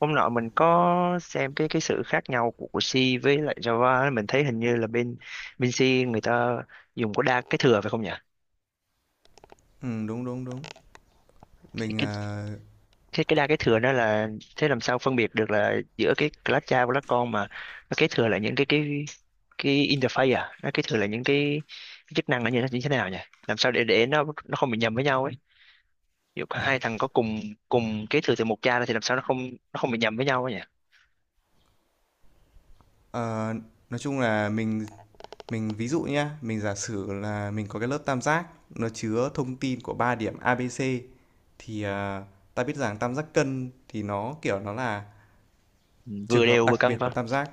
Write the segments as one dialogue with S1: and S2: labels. S1: Hôm nọ mình có xem cái sự khác nhau của C với lại Java ấy, mình thấy hình như là bên bên C người ta dùng có đa cái thừa phải không nhỉ?
S2: Đúng, đúng, đúng.
S1: Cái
S2: Mình,
S1: cái đa cái thừa đó là thế làm sao phân biệt được là giữa cái class cha và class con mà nó kế thừa là những cái interface à, nó kế thừa là những cái chức năng là như thế nào nhỉ? Làm sao để nó không bị nhầm với nhau ấy. Ví dụ hai thằng có cùng cùng kế thừa từ một cha thì làm sao nó không bị nhầm với nhau ấy nhỉ?
S2: ờ, nói chung là mình ví dụ nhá, mình giả sử là mình có cái lớp tam giác nó chứa thông tin của ba điểm A ABC thì ta biết rằng tam giác cân thì nó kiểu nó là
S1: Ừ,
S2: trường
S1: vừa
S2: hợp
S1: đều vừa
S2: đặc
S1: cân
S2: biệt
S1: phải
S2: của
S1: không?
S2: tam giác.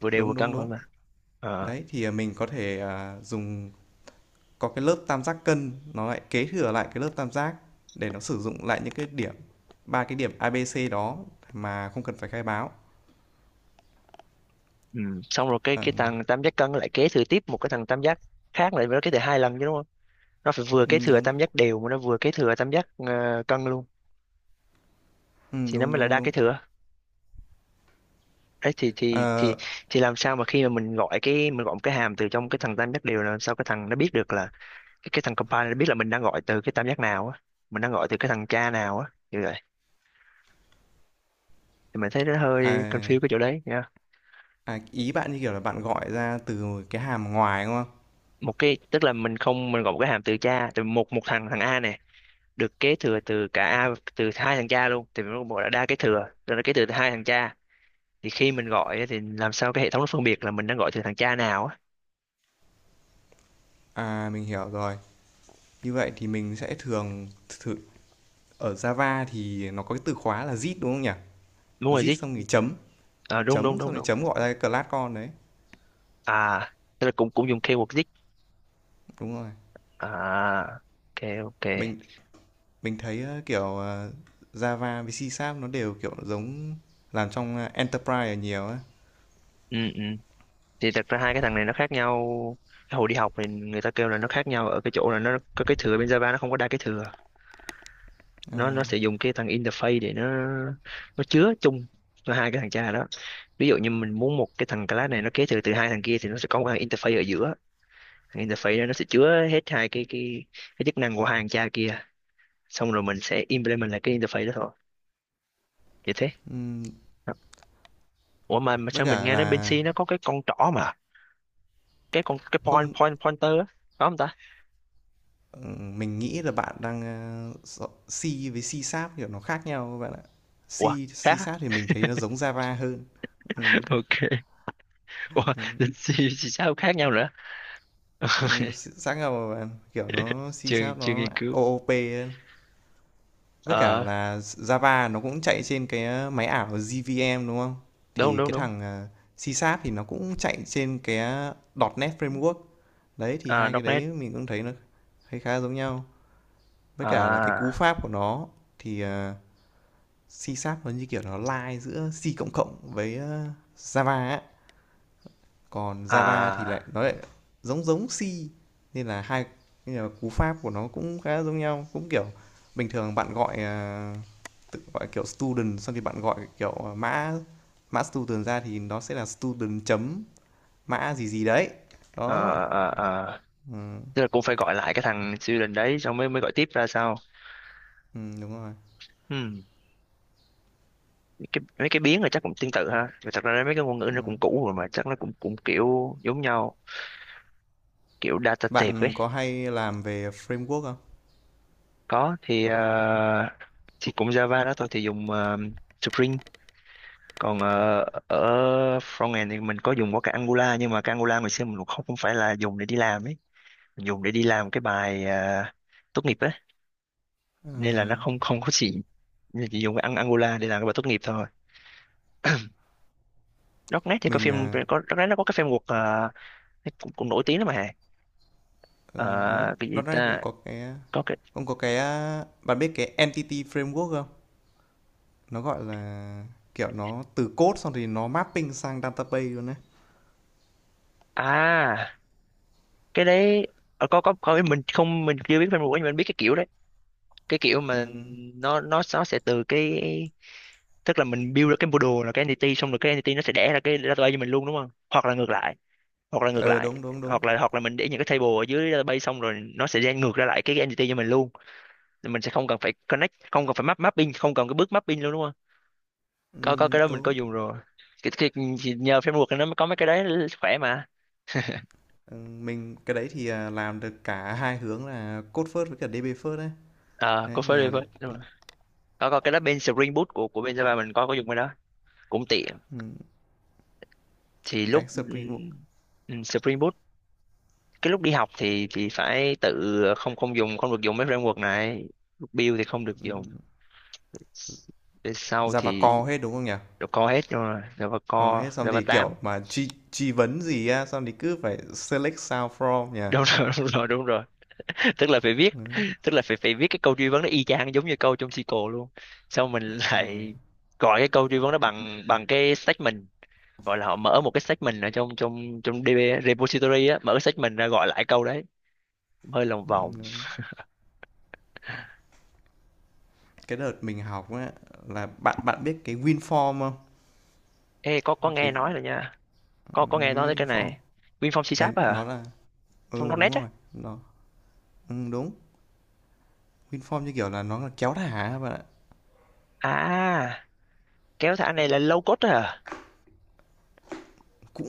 S1: Vừa đều vừa
S2: Đúng,
S1: cân
S2: đúng,
S1: phải không
S2: đúng.
S1: ạ? Ờ.
S2: Đấy thì mình có thể dùng có cái lớp tam giác cân nó lại kế thừa lại cái lớp tam giác để nó sử dụng lại những cái điểm ba cái điểm A ABC đó mà không cần phải khai báo.
S1: Ừ. Xong rồi cái
S2: Ờ,
S1: cái thằng tam giác cân lại kế thừa tiếp một cái thằng tam giác khác, lại nó kế thừa hai lần chứ đúng không, nó phải vừa
S2: ừ,
S1: kế thừa
S2: đúng.
S1: tam giác đều mà nó vừa kế thừa tam giác cân luôn,
S2: Ừ,
S1: thì nó
S2: đúng
S1: mới là
S2: đúng
S1: đa
S2: đúng.
S1: kế thừa. Đấy thì thì thì
S2: Ờ,
S1: thì làm sao mà khi mà mình gọi một cái hàm từ trong cái thằng tam giác đều, là làm sao cái thằng nó biết được là cái thằng compiler nó biết là mình đang gọi từ cái tam giác nào á, mình đang gọi từ cái thằng cha nào á. Như vậy thì mình thấy nó hơi
S2: à,
S1: confused cái chỗ đấy nha.
S2: à, ý bạn như kiểu là bạn gọi ra từ cái hàm ngoài, đúng không?
S1: Một cái tức là mình không mình gọi một cái hàm từ cha, từ một một thằng thằng A nè, được kế thừa từ cả từ hai thằng cha luôn, thì mình có bộ là đa kế thừa rồi, nó kế thừa từ hai thằng cha, thì khi mình gọi á, thì làm sao cái hệ thống nó phân biệt là mình đang gọi từ thằng cha nào á?
S2: À, mình hiểu rồi. Như vậy thì mình sẽ thường thử ở Java thì nó có cái từ khóa là zip đúng không nhỉ?
S1: Đúng rồi,
S2: Zip
S1: dích.
S2: xong thì chấm,
S1: À, đúng đúng
S2: chấm xong
S1: đúng
S2: thì
S1: đúng.
S2: chấm gọi ra cái class con đấy.
S1: À tức là cũng cũng dùng keyword dích.
S2: Đúng rồi.
S1: À, ok ok.
S2: Mình mình thấy kiểu Java với C Sharp nó đều kiểu giống làm trong enterprise là nhiều á.
S1: Ừ ừ, thì thật ra hai cái thằng này nó khác nhau. Cái hồi đi học thì người ta kêu là nó khác nhau ở cái chỗ là nó có cái thừa, bên Java nó không có đa cái thừa,
S2: Ờ,
S1: nó sẽ dùng cái thằng interface để nó chứa chung cho hai cái thằng cha đó. Ví dụ như mình muốn một cái thằng class này nó kế thừa từ hai thằng kia, thì nó sẽ có một thằng interface ở giữa, thằng interface đó nó sẽ chứa hết hai cái chức năng của hai thằng cha kia, xong rồi mình sẽ implement lại cái interface đó thôi. Vậy thế.
S2: ừm,
S1: Ủa mà
S2: với
S1: sao mình
S2: cả
S1: nghe nói bên
S2: là
S1: C nó có cái con trỏ mà, cái con cái point
S2: không.
S1: point pointer á, có không ta?
S2: Mình nghĩ là bạn đang, a, s C với C-Sharp, kiểu, nó khác nhau các bạn ạ. C
S1: Ủa khác á?
S2: C-Sharp thì mình thấy nó giống Java hơn. Ừm,
S1: Ok. Ủa
S2: ừm,
S1: bên C thì sao khác nhau nữa?
S2: sáng nào bạn, kiểu, nó
S1: chưa
S2: C-Sharp
S1: chưa
S2: nó
S1: nghiên cứu.
S2: OOP hơn. Với cả
S1: Ờ,
S2: là Java nó cũng chạy trên cái, máy ảo JVM, đúng không?
S1: đúng
S2: Thì
S1: đúng
S2: cái
S1: đúng.
S2: thằng, C-Sharp thì nó cũng chạy trên cái, .NET Framework. Đấy, thì
S1: À,
S2: hai cái
S1: nét.
S2: đấy mình cũng thấy khá giống nhau. Với cả là cái cú
S1: À
S2: pháp của nó thì, C Sharp nó như kiểu nó lai giữa C cộng cộng với Java ấy. Còn Java thì
S1: à
S2: lại nó lại giống giống C nên là hai là cú pháp của nó cũng khá giống nhau cũng kiểu bình thường bạn gọi tự gọi kiểu student xong thì bạn gọi kiểu mã mã student ra thì nó sẽ là student chấm mã gì gì đấy
S1: à
S2: đó.
S1: à, à.
S2: Ừ,
S1: Tức là cũng phải gọi lại cái thằng siêu đình đấy, xong mới mới gọi tiếp ra sao.
S2: ừ, đúng rồi.
S1: Ừm, cái, mấy cái biến là chắc cũng tương tự ha. Và thật ra mấy cái ngôn ngữ
S2: Ừ.
S1: nó cũng cũ rồi mà, chắc nó cũng cũng kiểu giống nhau, kiểu data type ấy.
S2: Bạn có hay làm về framework không?
S1: Có thì thì cũng Java đó thôi, thì dùng Spring. Còn ở frontend thì mình có dùng có cái Angular, nhưng mà cái Angular ngày xưa mình cũng không không phải là dùng để đi làm ấy, mình dùng để đi làm cái bài tốt nghiệp ấy,
S2: Ừ,
S1: nên là nó không không có gì, nên chỉ dùng cái Angular để làm cái bài tốt nghiệp thôi. Darknet thì có
S2: mình
S1: phim,
S2: à,
S1: có Darknet nó có cái phim cuộc cũng, cũng nổi tiếng lắm mà.
S2: Ừ,
S1: Ờ,
S2: đúng.
S1: cái gì
S2: Nó đây cũng
S1: ta,
S2: có cái
S1: có cái.
S2: cũng có cái bạn biết cái Entity Framework không? Nó gọi là kiểu nó từ code xong thì nó mapping sang database luôn đấy.
S1: À cái đấy, ờ, có, mình chưa biết phim cuộc nhưng mình biết cái kiểu đấy, cái kiểu
S2: Ừ.
S1: mà nó nó sẽ từ cái, tức là mình build được cái model là cái entity, xong rồi cái entity nó sẽ đẻ ra cái database cho mình luôn đúng không, hoặc là ngược lại, hoặc là ngược
S2: Ờ
S1: lại.
S2: đúng đúng đúng.
S1: Hoặc là mình để những cái table ở dưới database xong rồi nó sẽ gen ngược ra lại cái entity cho mình luôn. Thì mình sẽ không cần phải connect, không cần phải mapping, không cần cái bước mapping luôn đúng không. Có có
S2: Ừ,
S1: cái đó mình có
S2: đúng.
S1: dùng rồi, cái, thì nhờ framework này nó mới có mấy cái đấy khỏe mà.
S2: Ừ, mình cái đấy thì làm được cả hai hướng là code first với cả DB first đấy.
S1: Ờ
S2: Đấy
S1: có
S2: mình
S1: phải đi
S2: làm đấy.
S1: với đúng rồi. Có cái đó bên Spring Boot của bên Java mình có dùng cái đó, cũng tiện.
S2: Ừ.
S1: Thì lúc
S2: Cái Spring Boot.
S1: Spring Boot, cái lúc đi học thì phải tự, không không dùng, không được dùng mấy framework này, lúc build thì không được
S2: Ừ.
S1: dùng. Về sau
S2: Java
S1: thì
S2: core hết đúng không nhỉ?
S1: Java hết rồi, Java
S2: Core
S1: Core
S2: hết xong
S1: Java
S2: thì kiểu
S1: tám.
S2: mà truy truy vấn gì á xong thì cứ phải select sao from nhỉ?
S1: Đúng rồi đúng rồi đúng rồi, tức là phải viết,
S2: Đấy,
S1: tức là phải phải viết cái câu truy vấn nó y chang giống như câu trong SQL luôn, xong mình
S2: đúng rồi.
S1: lại gọi cái câu truy vấn đó bằng bằng cái statement, gọi là họ mở một cái statement ở trong trong trong DB repository á, mở cái statement ra gọi lại câu đấy, hơi lòng
S2: Ừ,
S1: vòng.
S2: đúng. Cái đợt mình học á là bạn bạn biết cái WinForm không?
S1: Ê có
S2: Cái,
S1: nghe nói rồi nha, có nghe nói tới cái
S2: WinForm
S1: này. WinForm C#
S2: cái nó
S1: à?
S2: là ừ
S1: From
S2: đúng
S1: .NET á?
S2: rồi nó ừ, đúng. WinForm như kiểu là nó là kéo thả các bạn ạ.
S1: À kéo thả này là low code à?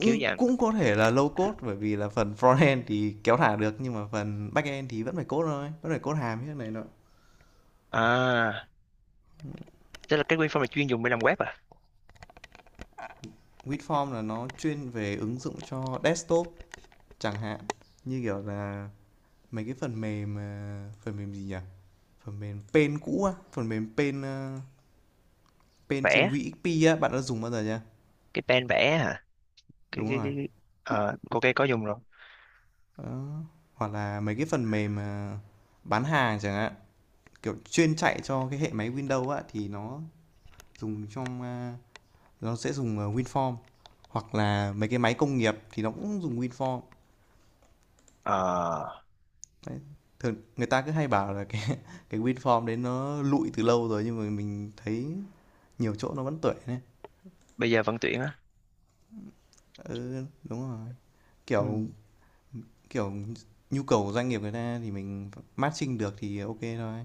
S1: Kiểu dạng.
S2: cũng có thể là low code bởi vì là phần frontend thì kéo thả được nhưng mà phần backend thì vẫn phải code thôi vẫn phải code hàm như thế này nọ.
S1: À tức là cái WinForm này chuyên dùng để làm web à?
S2: WinForm là nó chuyên về ứng dụng cho desktop chẳng hạn như kiểu là mấy cái phần mềm phần mềm gì nhỉ, phần mềm pen cũ á, phần mềm pen Paint trên
S1: Vẽ,
S2: WXP á, bạn đã dùng bao giờ chưa?
S1: cái pen vẽ à, cái
S2: Đúng
S1: cái
S2: rồi.
S1: cái ờ ok có dùng rồi.
S2: Đó. Hoặc là mấy cái phần mềm bán hàng chẳng hạn, kiểu chuyên chạy cho cái hệ máy Windows á thì nó dùng trong nó sẽ dùng WinForm hoặc là mấy cái máy công nghiệp thì nó cũng dùng WinForm.
S1: Ờ
S2: Đấy. Thường người ta cứ hay bảo là cái cái WinForm đấy nó lụi từ lâu rồi nhưng mà mình thấy nhiều chỗ nó vẫn tuổi này.
S1: bây giờ vẫn tuyển á?
S2: Ừ, đúng rồi.
S1: Ừ.
S2: Kiểu kiểu nhu cầu của doanh nghiệp người ta thì mình matching được thì ok thôi.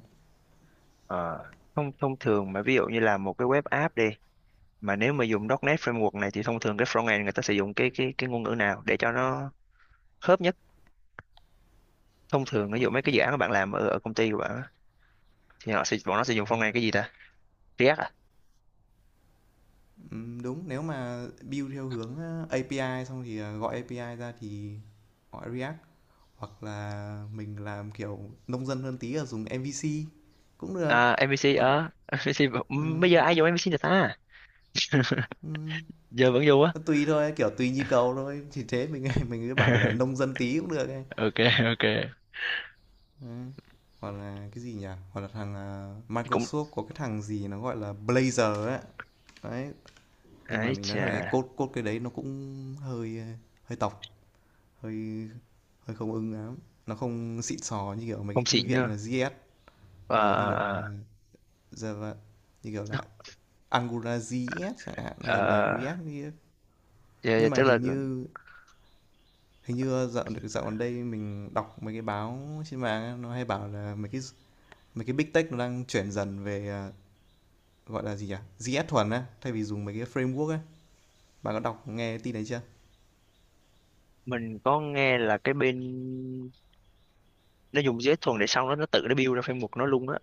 S1: Ờ, thông thông thường mà ví dụ như là một cái web app đi, mà nếu mà dùng .NET framework này thì thông thường cái frontend người ta sử dụng cái ngôn ngữ nào để cho nó khớp nhất? Thông thường ví dụ
S2: Code
S1: mấy cái dự án
S2: nhá.
S1: mà bạn làm ở, ở công ty của bạn á, thì họ sẽ bọn nó sẽ
S2: Ờ.
S1: dùng frontend cái gì ta, React à?
S2: Đúng, nếu mà build theo hướng API xong thì gọi API ra thì gọi React hoặc là mình làm kiểu nông dân hơn tí là dùng MVC cũng được.
S1: À MVC
S2: Hoặc là
S1: ờ MVC
S2: ừm,
S1: bây giờ ai dùng MVC được ta?
S2: ừm,
S1: Giờ vẫn dùng á?
S2: nó tùy thôi, kiểu tùy nhu cầu thôi. Thì thế mình mình cứ bảo là nông dân tí cũng được ấy.
S1: Ok ok.
S2: Ừm. Hoặc là cái gì nhỉ? Hoặc là thằng
S1: Cũng
S2: Microsoft có cái thằng gì nó gọi là Blazor ấy. Đấy, nhưng mà
S1: ấy
S2: mình nói thật cái
S1: chà.
S2: code code cái đấy nó cũng hơi hơi tộc hơi hơi không ưng lắm. Nó không xịn sò như kiểu mấy
S1: Không
S2: cái thư
S1: xịn
S2: viện là
S1: nhá.
S2: JS
S1: Ờ
S2: như
S1: ờ
S2: kiểu
S1: ờ.
S2: là Java, như kiểu là Angular JS chẳng hạn
S1: Ờ,
S2: hay là
S1: ờ.
S2: React
S1: Ờ.
S2: JS.
S1: Dạ, dạ,
S2: Nhưng mà
S1: tức là
S2: hình như dạo dạo gần đây mình đọc mấy cái báo trên mạng á, nó hay bảo là mấy cái big tech nó đang chuyển dần về gọi là gì nhỉ, JS thuần á thay vì dùng mấy cái framework á, bạn có đọc nghe tin đấy chưa?
S1: mình có nghe là cái bên nó dùng JS thuần để, xong đó nó tự nó build ra framework nó luôn á,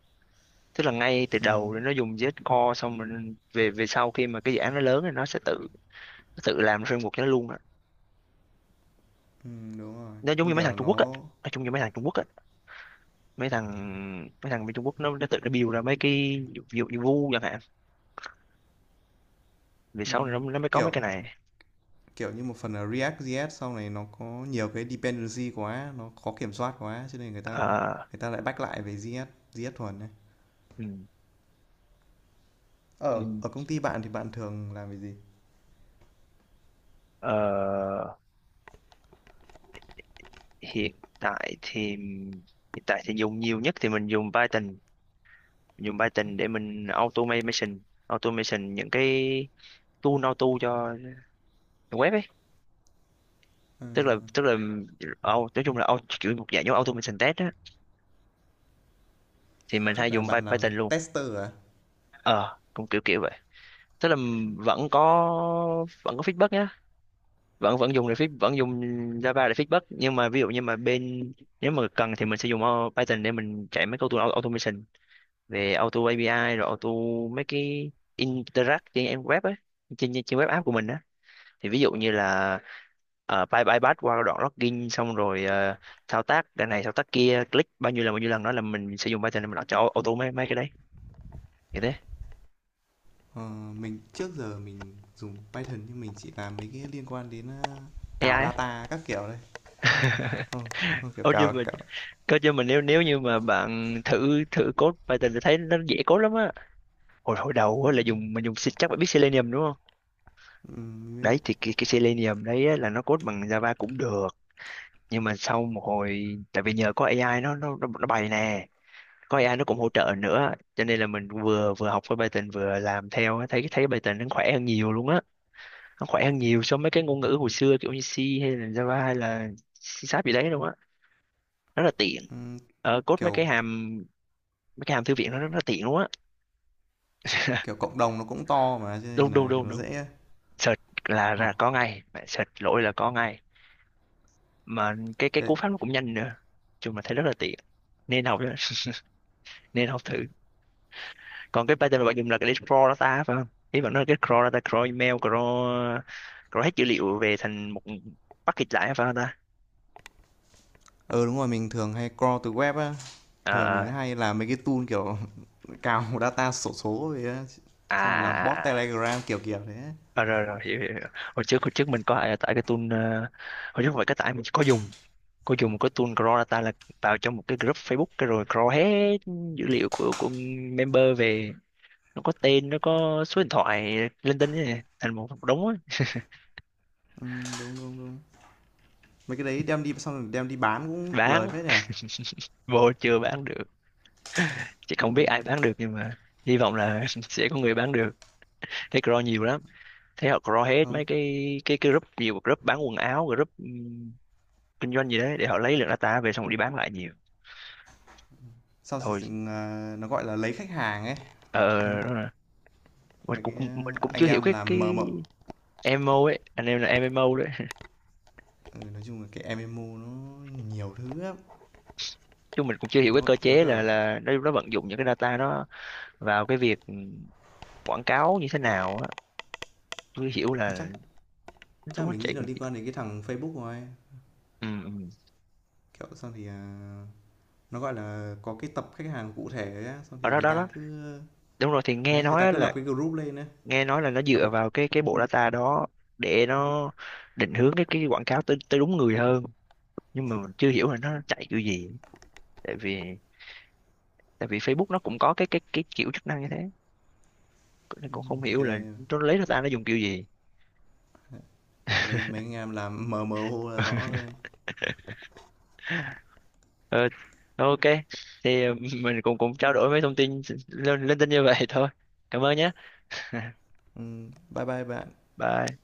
S1: tức là ngay từ đầu nó dùng JS Core, xong mình về về sau khi mà cái dự án nó lớn thì nó sẽ tự, nó tự làm framework cho nó luôn á.
S2: Ừ, đúng rồi.
S1: Nó giống
S2: Như
S1: như mấy
S2: kiểu
S1: thằng
S2: là
S1: Trung Quốc á,
S2: nó.
S1: nó giống như mấy thằng Trung Quốc á, mấy thằng mấy thằng bên Trung Quốc nó tự nó build ra mấy cái, ví dụ như, chẳng hạn, về
S2: Ừ,
S1: sau này nó mới có mấy
S2: kiểu.
S1: cái này.
S2: Kiểu như một phần là React JS sau này nó có nhiều cái dependency quá, nó khó kiểm soát quá cho nên người ta
S1: Ờ,
S2: người ta lại back lại về JS, JS thuần này.
S1: ừ,
S2: Ở
S1: ừ.
S2: ở công ty bạn thì bạn thường làm về gì?
S1: Ờ, hiện tại thì, hiện tại thì dùng nhiều nhất thì mình dùng Python, dùng Python để mình automation, automation những cái tool auto cho web ấy,
S2: Ờ,
S1: tức là nói chung là kiểu một dạng giống automation test á, thì mình
S2: tức
S1: hay
S2: là
S1: dùng
S2: bạn làm
S1: Python luôn.
S2: tester à?
S1: Ờ cũng kiểu kiểu vậy, tức là vẫn có vẫn có feedback nhá, vẫn vẫn dùng để vẫn dùng Java để feedback, nhưng mà ví dụ như mà bên, nếu mà cần thì mình sẽ dùng Python để mình chạy mấy câu tool automation về auto API rồi auto mấy cái interact trên em web ấy, trên trên web app của mình á, thì ví dụ như là bay bay bắt qua đoạn login xong rồi thao tác cái này thao tác kia, click bao nhiêu lần đó là mình sẽ dùng Python để mình làm cho auto mấy mấy cái đấy như thế.
S2: Ờ, mình trước giờ mình dùng Python nhưng mình chỉ làm mấy cái liên quan đến cào
S1: AI á.
S2: data các kiểu đây. Ờ, ờ, kiểu
S1: Ô, nhưng
S2: cào
S1: mà
S2: cào,
S1: cơ chứ mà nếu nếu như mà bạn thử thử code Python thì thấy nó dễ code lắm á. Hồi hồi đầu á là mình dùng chắc bạn biết Selenium đúng không,
S2: biết.
S1: đấy thì cái Selenium đấy á, là nó code bằng Java cũng được, nhưng mà sau một hồi tại vì nhờ có AI nó nó bày nè, có AI nó cũng hỗ trợ nữa, cho nên là mình vừa vừa học với Python vừa làm theo á, thấy thấy Python nó khỏe hơn nhiều luôn á, nó khỏe hơn nhiều so với cái ngôn ngữ hồi xưa kiểu như C hay là Java hay là C Sharp gì đấy luôn á, rất là tiện.
S2: Ừm,
S1: Ờ, code mấy
S2: kiểu
S1: cái hàm, mấy cái hàm thư viện nó rất là tiện luôn á.
S2: kiểu cộng đồng nó cũng to mà cho nên
S1: Đúng đúng
S2: là kiểu
S1: đúng
S2: nó
S1: đúng,
S2: dễ
S1: search là
S2: hoặc
S1: ra có ngay, bạn search lỗi là có ngay, mà cái
S2: cái.
S1: cú pháp nó cũng nhanh nữa, chung là thấy rất là tiện, nên học nhá, nên học thử. Còn cái pattern mà bạn dùng là cái để crawl data phải không, ý bạn nói là cái crawl data, crawl email, crawl crawl hết dữ liệu về thành một package lại phải không ta?
S2: Ờ, đúng rồi, mình thường hay crawl từ web á.
S1: Ờ,
S2: Thường mình
S1: ờ.
S2: hay làm mấy cái tool kiểu cào data sổ số về á.
S1: À
S2: Xong rồi làm
S1: à
S2: bot
S1: à à.
S2: Telegram kiểu kiểu thế.
S1: Ờ, rồi rồi hiểu, hiểu. Hiểu. Hồi trước mình có ai tải cái tool hồi trước không phải cái tải, mình có dùng, có dùng một cái tool crawl data là vào trong một cái group Facebook cái rồi crawl hết dữ liệu của member về, nó có tên nó có số điện thoại linh tinh ấy, thành một đống ấy.
S2: Ừ, đúng đúng đúng. Mấy cái đấy đem đi xong rồi đem đi bán cũng lời
S1: Bán
S2: phết nhỉ.
S1: vô chưa bán được, chị không
S2: Ừ,
S1: biết ai bán được nhưng mà hy vọng là sẽ có người bán được, thấy crawl nhiều lắm, thấy họ crawl hết
S2: không,
S1: mấy cái cái group, nhiều group bán quần áo, group kinh doanh gì đấy, để họ lấy lượng data về xong đi bán lại nhiều
S2: sau thì
S1: thôi.
S2: nó gọi là lấy khách hàng ấy.
S1: Ờ đó là, mình
S2: Mấy
S1: cũng
S2: cái anh
S1: chưa hiểu
S2: em
S1: cái
S2: làm mờ mờ.
S1: MMO ấy, anh em là MMO đấy.
S2: Ừ, nói chung là cái em MMO nó nhiều thứ lắm.
S1: Chứ mình cũng chưa hiểu cái
S2: Nó
S1: cơ
S2: nó
S1: chế là
S2: kiểu
S1: nó vận dụng những cái data nó vào cái việc quảng cáo như thế nào á, chưa hiểu
S2: chắc
S1: là
S2: chắc
S1: nó
S2: mình nghĩ
S1: chạy
S2: là
S1: kiểu
S2: liên
S1: gì.
S2: quan đến cái thằng Facebook rồi.
S1: Ừ, ừ.
S2: Kiểu xong thì nó gọi là, có cái tập khách hàng cụ thể á, xong
S1: Ở
S2: thì
S1: đó
S2: người
S1: đó
S2: ta
S1: đó,
S2: cứ
S1: đúng rồi thì nghe
S2: đấy, người
S1: nói
S2: ta
S1: á
S2: cứ lập
S1: là,
S2: cái group lên á,
S1: nghe nói là nó
S2: lập
S1: dựa vào cái bộ data đó để nó định hướng cái quảng cáo tới tới đúng người hơn, nhưng mà mình chưa hiểu là nó chạy kiểu gì, tại vì Facebook nó cũng có cái kiểu chức năng như thế, nên cũng không hiểu là
S2: cái
S1: nó lấy data nó dùng kiểu gì.
S2: cái đấy mấy anh em làm mờ mờ ô là rõ rồi.
S1: Ờ, ok, thì mình cũng cũng trao đổi mấy thông tin lên linh tinh như vậy thôi, cảm ơn nhé.
S2: Bye bye bạn.
S1: Bye.